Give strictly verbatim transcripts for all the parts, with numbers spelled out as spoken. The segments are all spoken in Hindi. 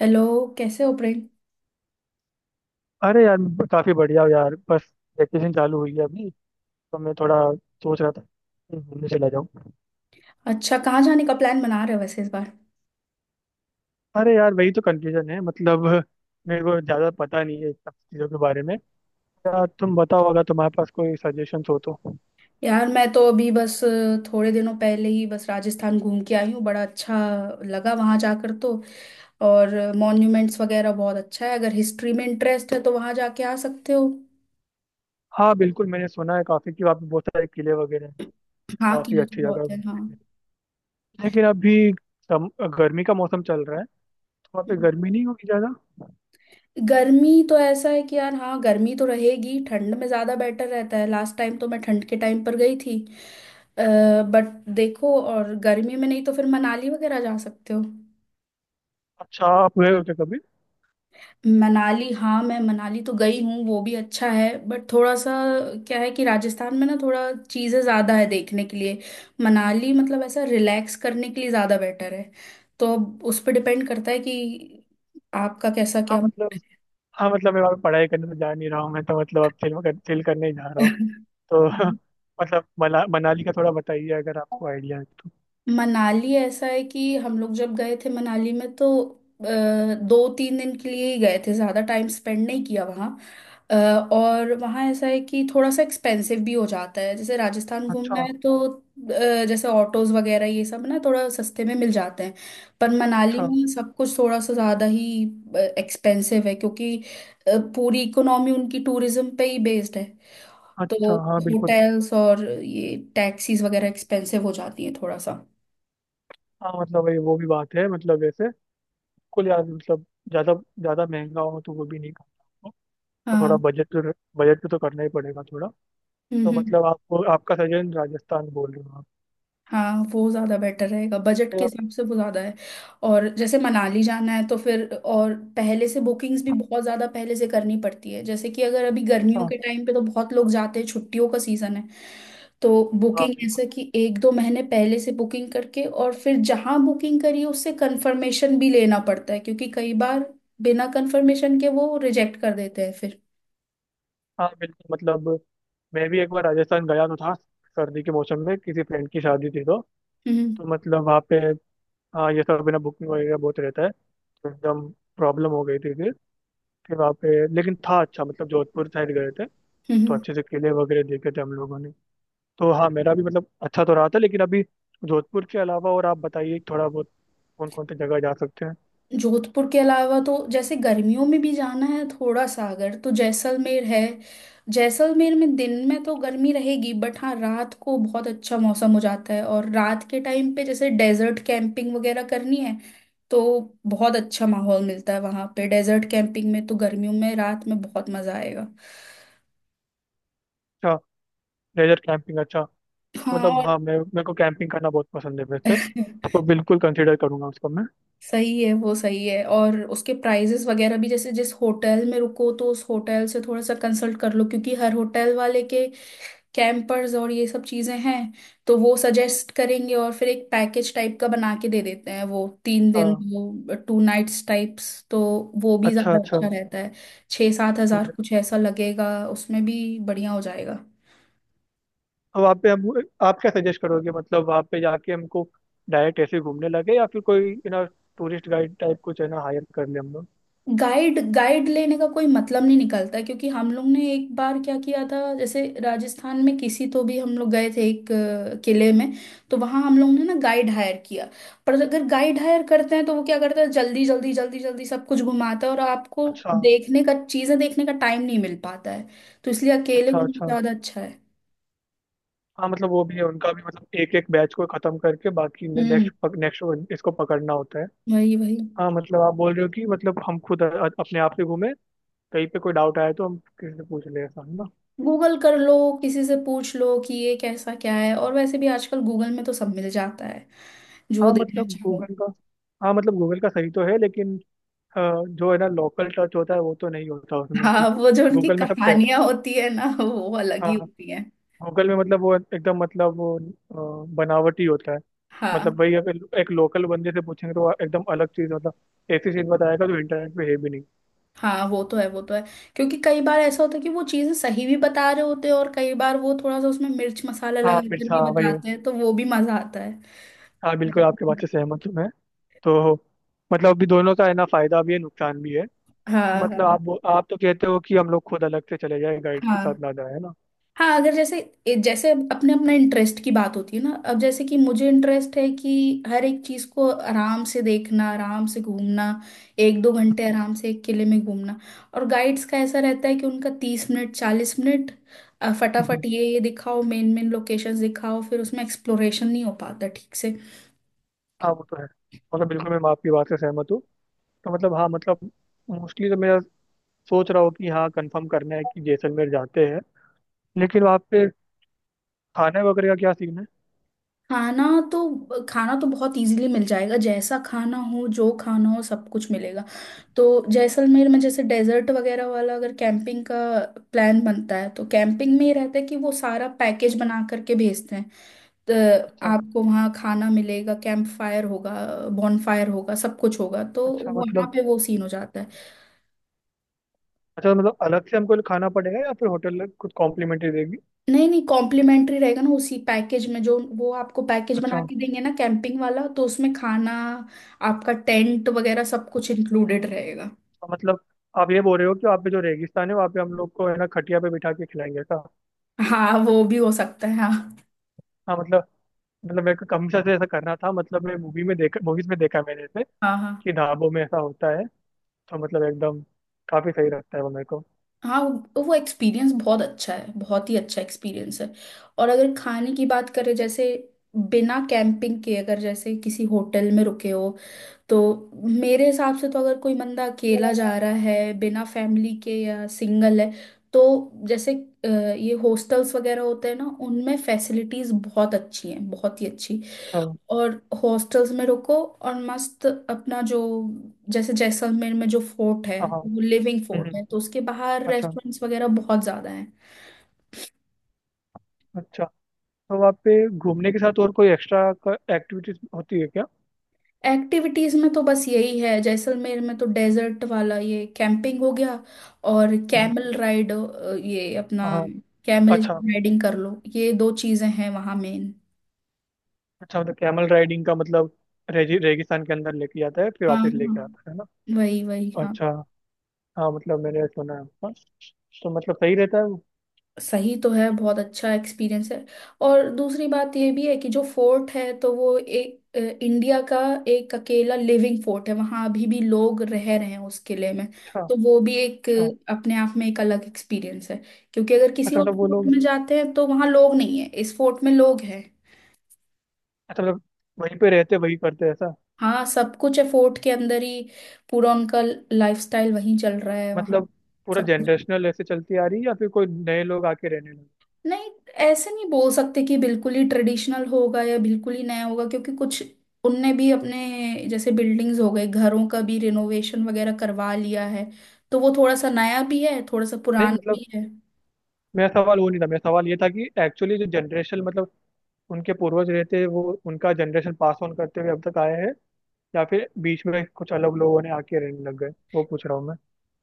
हेलो। कैसे हो प्रेम? अरे यार ब- काफी बढ़िया हो यार। बस वैकेशन चालू हुई है अभी तो मैं थोड़ा सोच रहा था कहीं घूमने चला जाऊँ। अच्छा, कहाँ जाने का प्लान बना रहे हो वैसे इस बार? अरे यार वही तो कंफ्यूजन है मतलब मेरे को ज्यादा पता नहीं है इन सब चीजों के बारे में। यार तुम बताओ अगर तुम्हारे पास कोई सजेशन हो तो। यार मैं तो अभी बस अ, थोड़े दिनों पहले ही बस राजस्थान घूम के आई हूँ। बड़ा अच्छा लगा वहाँ जाकर तो। और मॉन्यूमेंट्स वगैरह बहुत अच्छा है, अगर हिस्ट्री में इंटरेस्ट है तो वहाँ जाके आ सकते हो। हाँ बिल्कुल, मैंने सुना है काफी कि वहाँ पे बहुत सारे किले वगैरह हैं। हाँ, काफी किले तो अच्छी जगह बहुत है, हाँ। है। लेकिन अभी सम- गर्मी का मौसम चल रहा है तो वहाँ पे हम्म। गर्मी नहीं होगी ज्यादा। गर्मी तो ऐसा है कि यार, हाँ गर्मी तो रहेगी, ठंड में ज़्यादा बेटर रहता है। लास्ट टाइम तो मैं ठंड के टाइम पर गई थी बट, देखो, और गर्मी में नहीं तो फिर मनाली वगैरह जा सकते हो। अच्छा, आप गए हो क्या कभी। मनाली, हाँ मैं मनाली तो गई हूँ, वो भी अच्छा है बट थोड़ा सा क्या है कि राजस्थान में ना थोड़ा चीज़ें ज़्यादा है देखने के लिए। मनाली मतलब ऐसा रिलैक्स करने के लिए ज़्यादा बेटर है। तो अब उस पर डिपेंड करता है कि आपका कैसा हाँ क्या मतलब हाँ मतलब मैं वहाँ पे पढ़ाई करने तो जा नहीं रहा हूँ। मैं तो मतलब अब चिल चिल करने ही जा रहा हूँ तो मूड मतलब मना, मनाली का थोड़ा बताइए अगर है। आपको आइडिया है तो। मनाली ऐसा है कि हम लोग जब गए थे मनाली में तो अ, दो तीन दिन के लिए ही गए थे, ज़्यादा टाइम स्पेंड नहीं किया वहाँ। अ, और वहाँ ऐसा है कि थोड़ा सा एक्सपेंसिव भी हो जाता है। जैसे राजस्थान घूमना अच्छा। है तो, अ, जैसे ऑटोज वगैरह ये सब ना थोड़ा सस्ते में मिल जाते हैं। पर मनाली अच्छा। में सब कुछ थोड़ा सा ज़्यादा ही एक्सपेंसिव है, क्योंकि अ, पूरी इकोनॉमी उनकी टूरिज्म पे ही बेस्ड है। तो अच्छा हाँ बिल्कुल। होटल्स और ये टैक्सीज वगैरह एक्सपेंसिव हो जाती हैं थोड़ा सा। हाँ मतलब वही वो भी बात है मतलब वैसे कुल यार मतलब ज़्यादा ज़्यादा महंगा हो तो वो भी नहीं करना आपको। तो थोड़ा हाँ। बजट तो बजट पे तो करना ही पड़ेगा थोड़ा। हम्म तो हम्म, मतलब आपको आपका सजेशन राजस्थान बोल रहे हो आप। हाँ वो ज़्यादा बेटर रहेगा, बजट फिर के आप- हिसाब से वो ज़्यादा है। और जैसे मनाली जाना है तो फिर और पहले से बुकिंग्स भी बहुत ज़्यादा पहले से करनी पड़ती है, जैसे कि अगर अभी गर्मियों अच्छा। के टाइम पे तो बहुत लोग जाते हैं, छुट्टियों का सीज़न है। तो हाँ बुकिंग बिल्कुल। ऐसे कि एक दो महीने पहले से बुकिंग करके, और फिर जहाँ बुकिंग करी उससे कंफर्मेशन भी लेना पड़ता है, क्योंकि कई बार बिना कंफर्मेशन के वो रिजेक्ट कर देते हैं फिर। हाँ बिल्कुल मतलब मैं भी एक बार राजस्थान गया तो था। सर्दी के मौसम में किसी फ्रेंड की शादी थी तो। हम्म तो मतलब वहाँ पे हाँ, ये सब बिना बुकिंग वगैरह बहुत रहता है तो एकदम प्रॉब्लम हो गई थी। फिर फिर वहाँ पे लेकिन था अच्छा। मतलब जोधपुर साइड गए थे तो हम्म। अच्छे से किले वगैरह देखे थे हम लोगों ने। तो हाँ, मेरा भी मतलब अच्छा तो रहा था लेकिन अभी जोधपुर के अलावा और आप बताइए थोड़ा बहुत कौन कौन सी जगह जा सकते हैं। जोधपुर के अलावा तो जैसे गर्मियों में भी जाना है थोड़ा सा अगर, तो जैसलमेर है। जैसलमेर में दिन में तो गर्मी रहेगी बट हाँ, रात को बहुत अच्छा मौसम हो जाता है। और रात के टाइम पे जैसे डेजर्ट कैंपिंग वगैरह करनी है तो बहुत अच्छा माहौल मिलता है वहां पे। डेजर्ट कैंपिंग में तो गर्मियों में रात में बहुत मजा आएगा। अच्छा। लेजर कैंपिंग, अच्छा। हाँ मतलब हाँ, और मैं मेरे को कैंपिंग करना बहुत पसंद है वैसे। तो बिल्कुल कंसिडर करूंगा उसको मैं। सही है, वो सही है। और उसके प्राइजेस वगैरह भी, जैसे जिस होटल में रुको तो उस होटल से थोड़ा सा कंसल्ट कर लो, क्योंकि हर होटल वाले के कैंपर्स और ये सब चीजें हैं। तो वो सजेस्ट करेंगे और फिर एक पैकेज टाइप का बना के दे देते हैं वो तीन दिन, हाँ वो टू नाइट्स टाइप्स। तो वो भी अच्छा ज्यादा अच्छा। अच्छा रहता है। छः सात हज़ार कुछ ऐसा लगेगा, उसमें भी बढ़िया हो जाएगा। अब आप पे हम आप क्या सजेस्ट करोगे मतलब वहाँ पे जाके हमको डायरेक्ट ऐसे घूमने लगे या फिर कोई you know tourist guide type कुछ है ना, हायर कर ले हम लोग। गाइड, गाइड लेने का कोई मतलब नहीं निकलता, क्योंकि हम लोग ने एक बार क्या किया था, जैसे राजस्थान में किसी तो भी हम लोग गए थे एक अ, किले में, तो वहाँ हम लोग ने ना गाइड हायर किया। पर अगर गाइड हायर करते हैं तो वो क्या करता है, जल्दी जल्दी जल्दी जल्दी सब कुछ घुमाता है और आपको अच्छा। देखने का, चीज़ें देखने का टाइम नहीं मिल पाता है। तो इसलिए अकेले अच्छा। घूमना अच्छा ज़्यादा अच्छा है। हाँ मतलब वो भी है, उनका भी मतलब एक एक बैच को खत्म करके बाकी हम्म। नेक्स्ट नेक्स्ट इसको पकड़ना होता है। वही वही। हाँ मतलब आप बोल रहे हो कि मतलब हम खुद अ- अपने आप से घूमें, कहीं पे कोई डाउट आए तो हम किसी से पूछ लें, ऐसा है ना। गूगल कर लो, किसी से पूछ लो कि ये कैसा क्या है, और वैसे भी आजकल गूगल में तो सब मिल जाता है जो हाँ देखना मतलब चाहो। गूगल का हाँ मतलब गूगल का सही तो है लेकिन अ, जो है ना लोकल टच होता है वो तो नहीं होता उसमें कि हाँ, वो जो उनकी गूगल में सब कहानियां होती है ना वो अलग ही टेक होती है। लोकल में मतलब वो एकदम मतलब वो अ, बनावटी होता है। मतलब हाँ। वही अगर एक लोकल बंदे से पूछेंगे तो वो एकदम अलग चीज़ मतलब ऐसी चीज़ बताएगा जो इंटरनेट पे है भी नहीं। हाँ वो तो है, वो तो है। क्योंकि कई बार ऐसा होता है कि वो चीजें सही भी बता रहे होते हैं, और कई बार वो थोड़ा सा उसमें मिर्च मसाला हाँ लगाकर मिर्च, हाँ भी वही। बताते हैं, तो वो भी मजा आता है। हाँ बिल्कुल, आपके बात से सहमत हूँ मैं। तो मतलब अभी दोनों का है ना, फायदा भी है नुकसान भी है। तो हाँ मतलब हाँ। आप वो- आप तो कहते हो कि हम लोग खुद अलग से चले जाए, गाइड के साथ हाँ ना जाए, है ना। हाँ, अगर जैसे ए- जैसे अब अपने, अपना इंटरेस्ट की बात होती है ना। अब जैसे कि मुझे इंटरेस्ट है कि हर एक चीज को आराम से देखना, आराम से घूमना, एक दो घंटे आराम से एक किले में घूमना। और गाइड्स का ऐसा रहता है कि उनका तीस मिनट, चालीस मिनट, अ, हम्म, फटाफट ये ये दिखाओ, मेन मेन लोकेशंस दिखाओ, फिर उसमें एक्सप्लोरेशन नहीं हो पाता ठीक से। हाँ वो तो है। मतलब बिल्कुल मैं आपकी बात से सहमत हूँ। तो मतलब हाँ मतलब मोस्टली तो मेरा सोच रहा हूँ कि हाँ, कंफर्म करना है कि जैसलमेर जाते हैं। लेकिन वहाँ पे खाने वगैरह का क्या सीन है। खाना? तो खाना तो बहुत इजीली मिल जाएगा, जैसा खाना हो, जो खाना हो सब कुछ मिलेगा। तो जैसलमेर में जैसे डेजर्ट वगैरह वाला अगर कैंपिंग का प्लान बनता है तो कैंपिंग में ही रहता है कि वो सारा पैकेज बना करके भेजते हैं। तो अच्छा। आपको वहाँ खाना मिलेगा, कैंप फायर होगा, बॉनफायर होगा, सब कुछ होगा, तो अच्छा वहाँ मतलब पे वो सीन हो जाता है। अच्छा मतलब अलग से हमको खाना पड़ेगा या फिर होटल कुछ कॉम्प्लीमेंट्री देगी। नहीं नहीं, कॉम्प्लीमेंट्री रहेगा ना, उसी पैकेज में जो वो आपको पैकेज बना अच्छा। के देंगे ना कैंपिंग वाला, तो उसमें खाना, आपका टेंट वगैरह सब कुछ इंक्लूडेड रहेगा। तो मतलब आप ये बोल रहे हो कि वहाँ पे जो रेगिस्तान है वहाँ पे हम लोग को है ना खटिया पे बिठा के खिलाएंगे ऐसा। हाँ वो भी हो सकता है, हाँ। हाँ मतलब मतलब मेरे को कमशा से ऐसा करना था। मतलब मैं मूवी में देखा, मूवीज में देखा मैंने ऐसे हाँ हाँ, कि ढाबों में ऐसा होता है। तो मतलब एकदम काफी सही लगता है वो मेरे को। हाँ वो वो एक्सपीरियंस बहुत अच्छा है, बहुत ही अच्छा एक्सपीरियंस है। और अगर खाने की बात करें, जैसे बिना कैंपिंग के अगर जैसे किसी होटल में रुके हो तो, मेरे हिसाब से तो अगर कोई बंदा अकेला जा रहा है बिना फैमिली के, या सिंगल है, तो जैसे अ, ये हॉस्टल्स वगैरह होते हैं ना, उनमें फैसिलिटीज बहुत अच्छी हैं, बहुत ही अच्छी। अच्छा। और हॉस्टल्स में रुको और मस्त अपना जो, जैसे जैसलमेर में जो फोर्ट है हाँ हाँ। वो लिविंग हम्म, फोर्ट है, तो हम्म, उसके बाहर अच्छा रेस्टोरेंट्स वगैरह बहुत ज्यादा हैं। अच्छा। तो वहाँ पे घूमने के साथ और कोई एक्स्ट्रा एक्टिविटीज होती है क्या। एक्टिविटीज में तो बस यही है जैसलमेर में तो, डेजर्ट वाला ये कैंपिंग हो गया, और हम्म, कैमल राइड, ये अपना हाँ हाँ, कैमल अच्छा। राइडिंग कर लो, ये दो चीजें हैं वहां मेन। अच्छा मतलब कैमल राइडिंग का मतलब रेगी, रेगिस्तान के अंदर लेके जाता है फिर हाँ वापस लेके आता हाँ, है ना। वही वही, हाँ। अच्छा। हाँ मतलब मैंने सुना है उसका। तो मतलब सही रहता है वो। सही तो है, बहुत अच्छा एक्सपीरियंस है। और दूसरी बात यह भी है कि जो फोर्ट है, तो वो एक अ, इंडिया का एक अकेला लिविंग फोर्ट है, वहाँ अभी भी लोग रह रहे हैं उस किले में। अच्छा। तो वो भी एक अच्छा। अ, अपने आप में एक अलग एक्सपीरियंस है। क्योंकि अगर किसी अच्छा और मतलब वो फोर्ट लोग, में जाते हैं तो वहाँ लोग नहीं है, इस फोर्ट में लोग हैं। अच्छा मतलब वहीं पे रहते वही करते हैं ऐसा। हाँ, सब कुछ है फोर्ट के अंदर ही, पूरा उनका लाइफस्टाइल वहीं चल रहा है वहाँ। मतलब पूरा सब कुछ, जनरेशनल ऐसे चलती आ रही है या फिर कोई नए लोग आके रहने लगे। नहीं, ऐसे नहीं बोल सकते कि बिल्कुल ही ट्रेडिशनल होगा या बिल्कुल ही नया होगा, क्योंकि कुछ उनने भी अपने जैसे बिल्डिंग्स हो गए, घरों का भी रिनोवेशन वगैरह करवा लिया है। तो वो थोड़ा सा नया भी है, थोड़ा सा नहीं पुराना मतलब भी है। मेरा सवाल वो नहीं था, मेरा सवाल ये था कि एक्चुअली जो जनरेशन मतलब उनके पूर्वज रहते हैं, वो उनका जनरेशन पास ऑन करते हुए अब तक आए हैं या फिर बीच में कुछ अलग लोगों ने आके रहने लग गए, वो पूछ रहा हूँ मैं।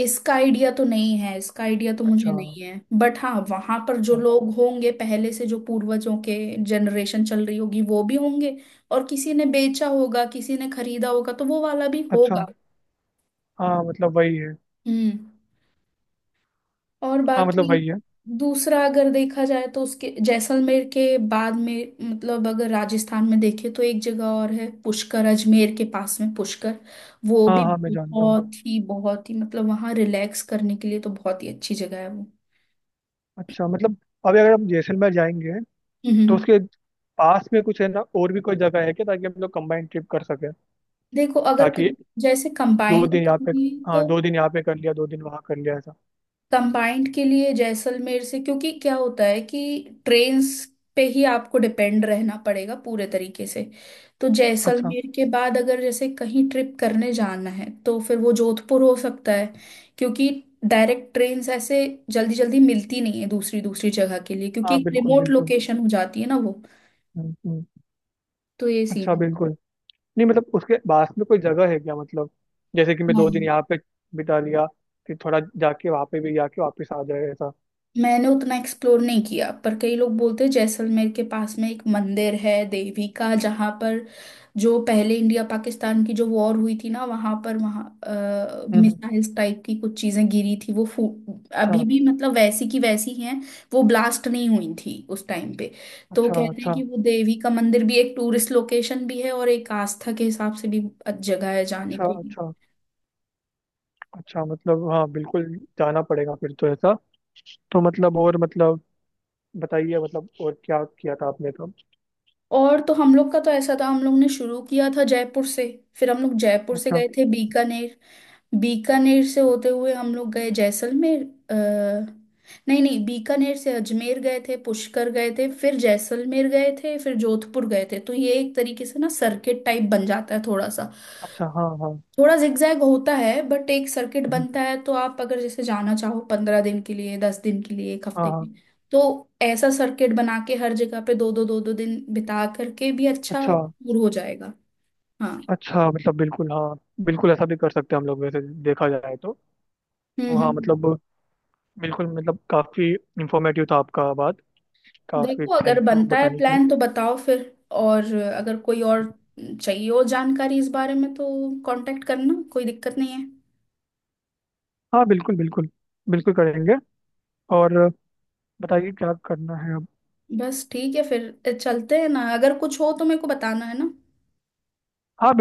इसका आइडिया तो नहीं है इसका आइडिया तो मुझे अच्छा। नहीं है, बट हाँ वहां पर जो अच्छा। लोग होंगे पहले से, जो पूर्वजों के जनरेशन चल रही होगी वो भी होंगे, और किसी ने बेचा होगा किसी ने खरीदा होगा तो वो वाला भी अच्छा होगा। हाँ मतलब वही है हम्म। और हाँ मतलब बाकी वही है दूसरा अगर देखा जाए तो, उसके जैसलमेर के बाद में मतलब, अगर राजस्थान में देखे तो एक जगह और है पुष्कर, अजमेर के पास में पुष्कर। वो हाँ भी हाँ, मैं जानता हूँ। बहुत ही बहुत ही, मतलब वहाँ रिलैक्स करने के लिए तो बहुत ही अच्छी जगह है वो। अच्छा मतलब अभी अगर हम जैसलमेर जाएंगे तो हम्म। उसके पास में कुछ है ना और भी कोई जगह है क्या, ताकि हम लोग कंबाइंड ट्रिप कर सके। देखो, अगर ताकि कम, जैसे दो कंबाइंड दिन की यहाँ पे, हुई हाँ तो, दो दिन यहाँ पे कर लिया दो दिन वहाँ कर लिया ऐसा। कंबाइंड के लिए जैसलमेर से, क्योंकि क्या होता है कि ट्रेन्स पे ही आपको डिपेंड रहना पड़ेगा पूरे तरीके से। तो अच्छा जैसलमेर के बाद अगर जैसे कहीं ट्रिप करने जाना है तो फिर वो जोधपुर हो सकता है, क्योंकि डायरेक्ट ट्रेन्स ऐसे जल्दी जल्दी मिलती नहीं है दूसरी दूसरी जगह के लिए, क्योंकि हाँ एक बिल्कुल रिमोट बिल्कुल। लोकेशन हो जाती है ना वो। हम्म, हम्म, तो ये सीन अच्छा है। बिल्कुल। नहीं मतलब उसके पास में कोई जगह है क्या मतलब, जैसे कि मैं हाँ, दो दिन यहाँ पे बिता लिया फिर थोड़ा जाके वहाँ पे भी जाके वापस आ जाए ऐसा। मैंने उतना एक्सप्लोर नहीं किया, पर कई लोग बोलते हैं जैसलमेर के पास में एक मंदिर है देवी का, जहाँ पर जो पहले इंडिया पाकिस्तान की जो वॉर हुई थी ना, वहाँ पर वहाँ हम्म हम्म, मिसाइल्स टाइप की कुछ चीजें गिरी थी वो फू अभी अच्छा। भी मतलब वैसी की वैसी हैं, वो ब्लास्ट नहीं हुई थी उस टाइम पे। तो वो अच्छा। कहते हैं अच्छा। कि वो देवी का मंदिर भी एक टूरिस्ट लोकेशन भी है, और एक आस्था के हिसाब से भी जगह है जाने अच्छा। के लिए। अच्छा अच्छा मतलब हाँ बिल्कुल। जाना पड़ेगा फिर तो ऐसा। तो मतलब और मतलब बताइए मतलब और क्या किया था आपने तो। और तो हम लोग का तो ऐसा था, हम लोग ने शुरू किया था जयपुर से, फिर हम लोग जयपुर से अच्छा। गए थे बीकानेर, बीकानेर से होते हुए हम लोग गए जैसलमेर। अ, नहीं नहीं, बीकानेर से अजमेर गए थे, पुष्कर गए थे, फिर जैसलमेर गए थे, फिर जोधपुर गए थे। तो ये एक तरीके से ना सर्किट टाइप बन जाता है थोड़ा सा। अच्छा हाँ हाँ। थोड़ा zigzag होता है बट एक सर्किट हम्म, बनता है। तो आप अगर जैसे जाना चाहो पंद्रह दिन के लिए, दस दिन के लिए, एक हाँ हफ्ते के हाँ। लिए, तो ऐसा सर्किट बना के हर जगह पे दो दो दो दो दिन बिता करके भी अच्छा अच्छा। टूर हो जाएगा। हाँ। अच्छा मतलब बिल्कुल। हाँ बिल्कुल ऐसा भी कर सकते हैं हम लोग वैसे देखा जाए तो। हम्म तो हम्म हाँ हम्म। मतलब बिल्कुल मतलब काफ़ी इंफॉर्मेटिव था आपका बात। काफ़ी देखो, अगर थैंक यू बनता है बताने के लिए। प्लान तो बताओ फिर। और अगर कोई और चाहिए हो जानकारी इस बारे में, तो कांटेक्ट करना कोई दिक्कत नहीं है। हाँ बिल्कुल बिल्कुल। बिल्कुल करेंगे। और बताइए क्या करना है अब। बस ठीक है, फिर चलते हैं ना, अगर कुछ हो तो मेरे को बताना है ना। हाँ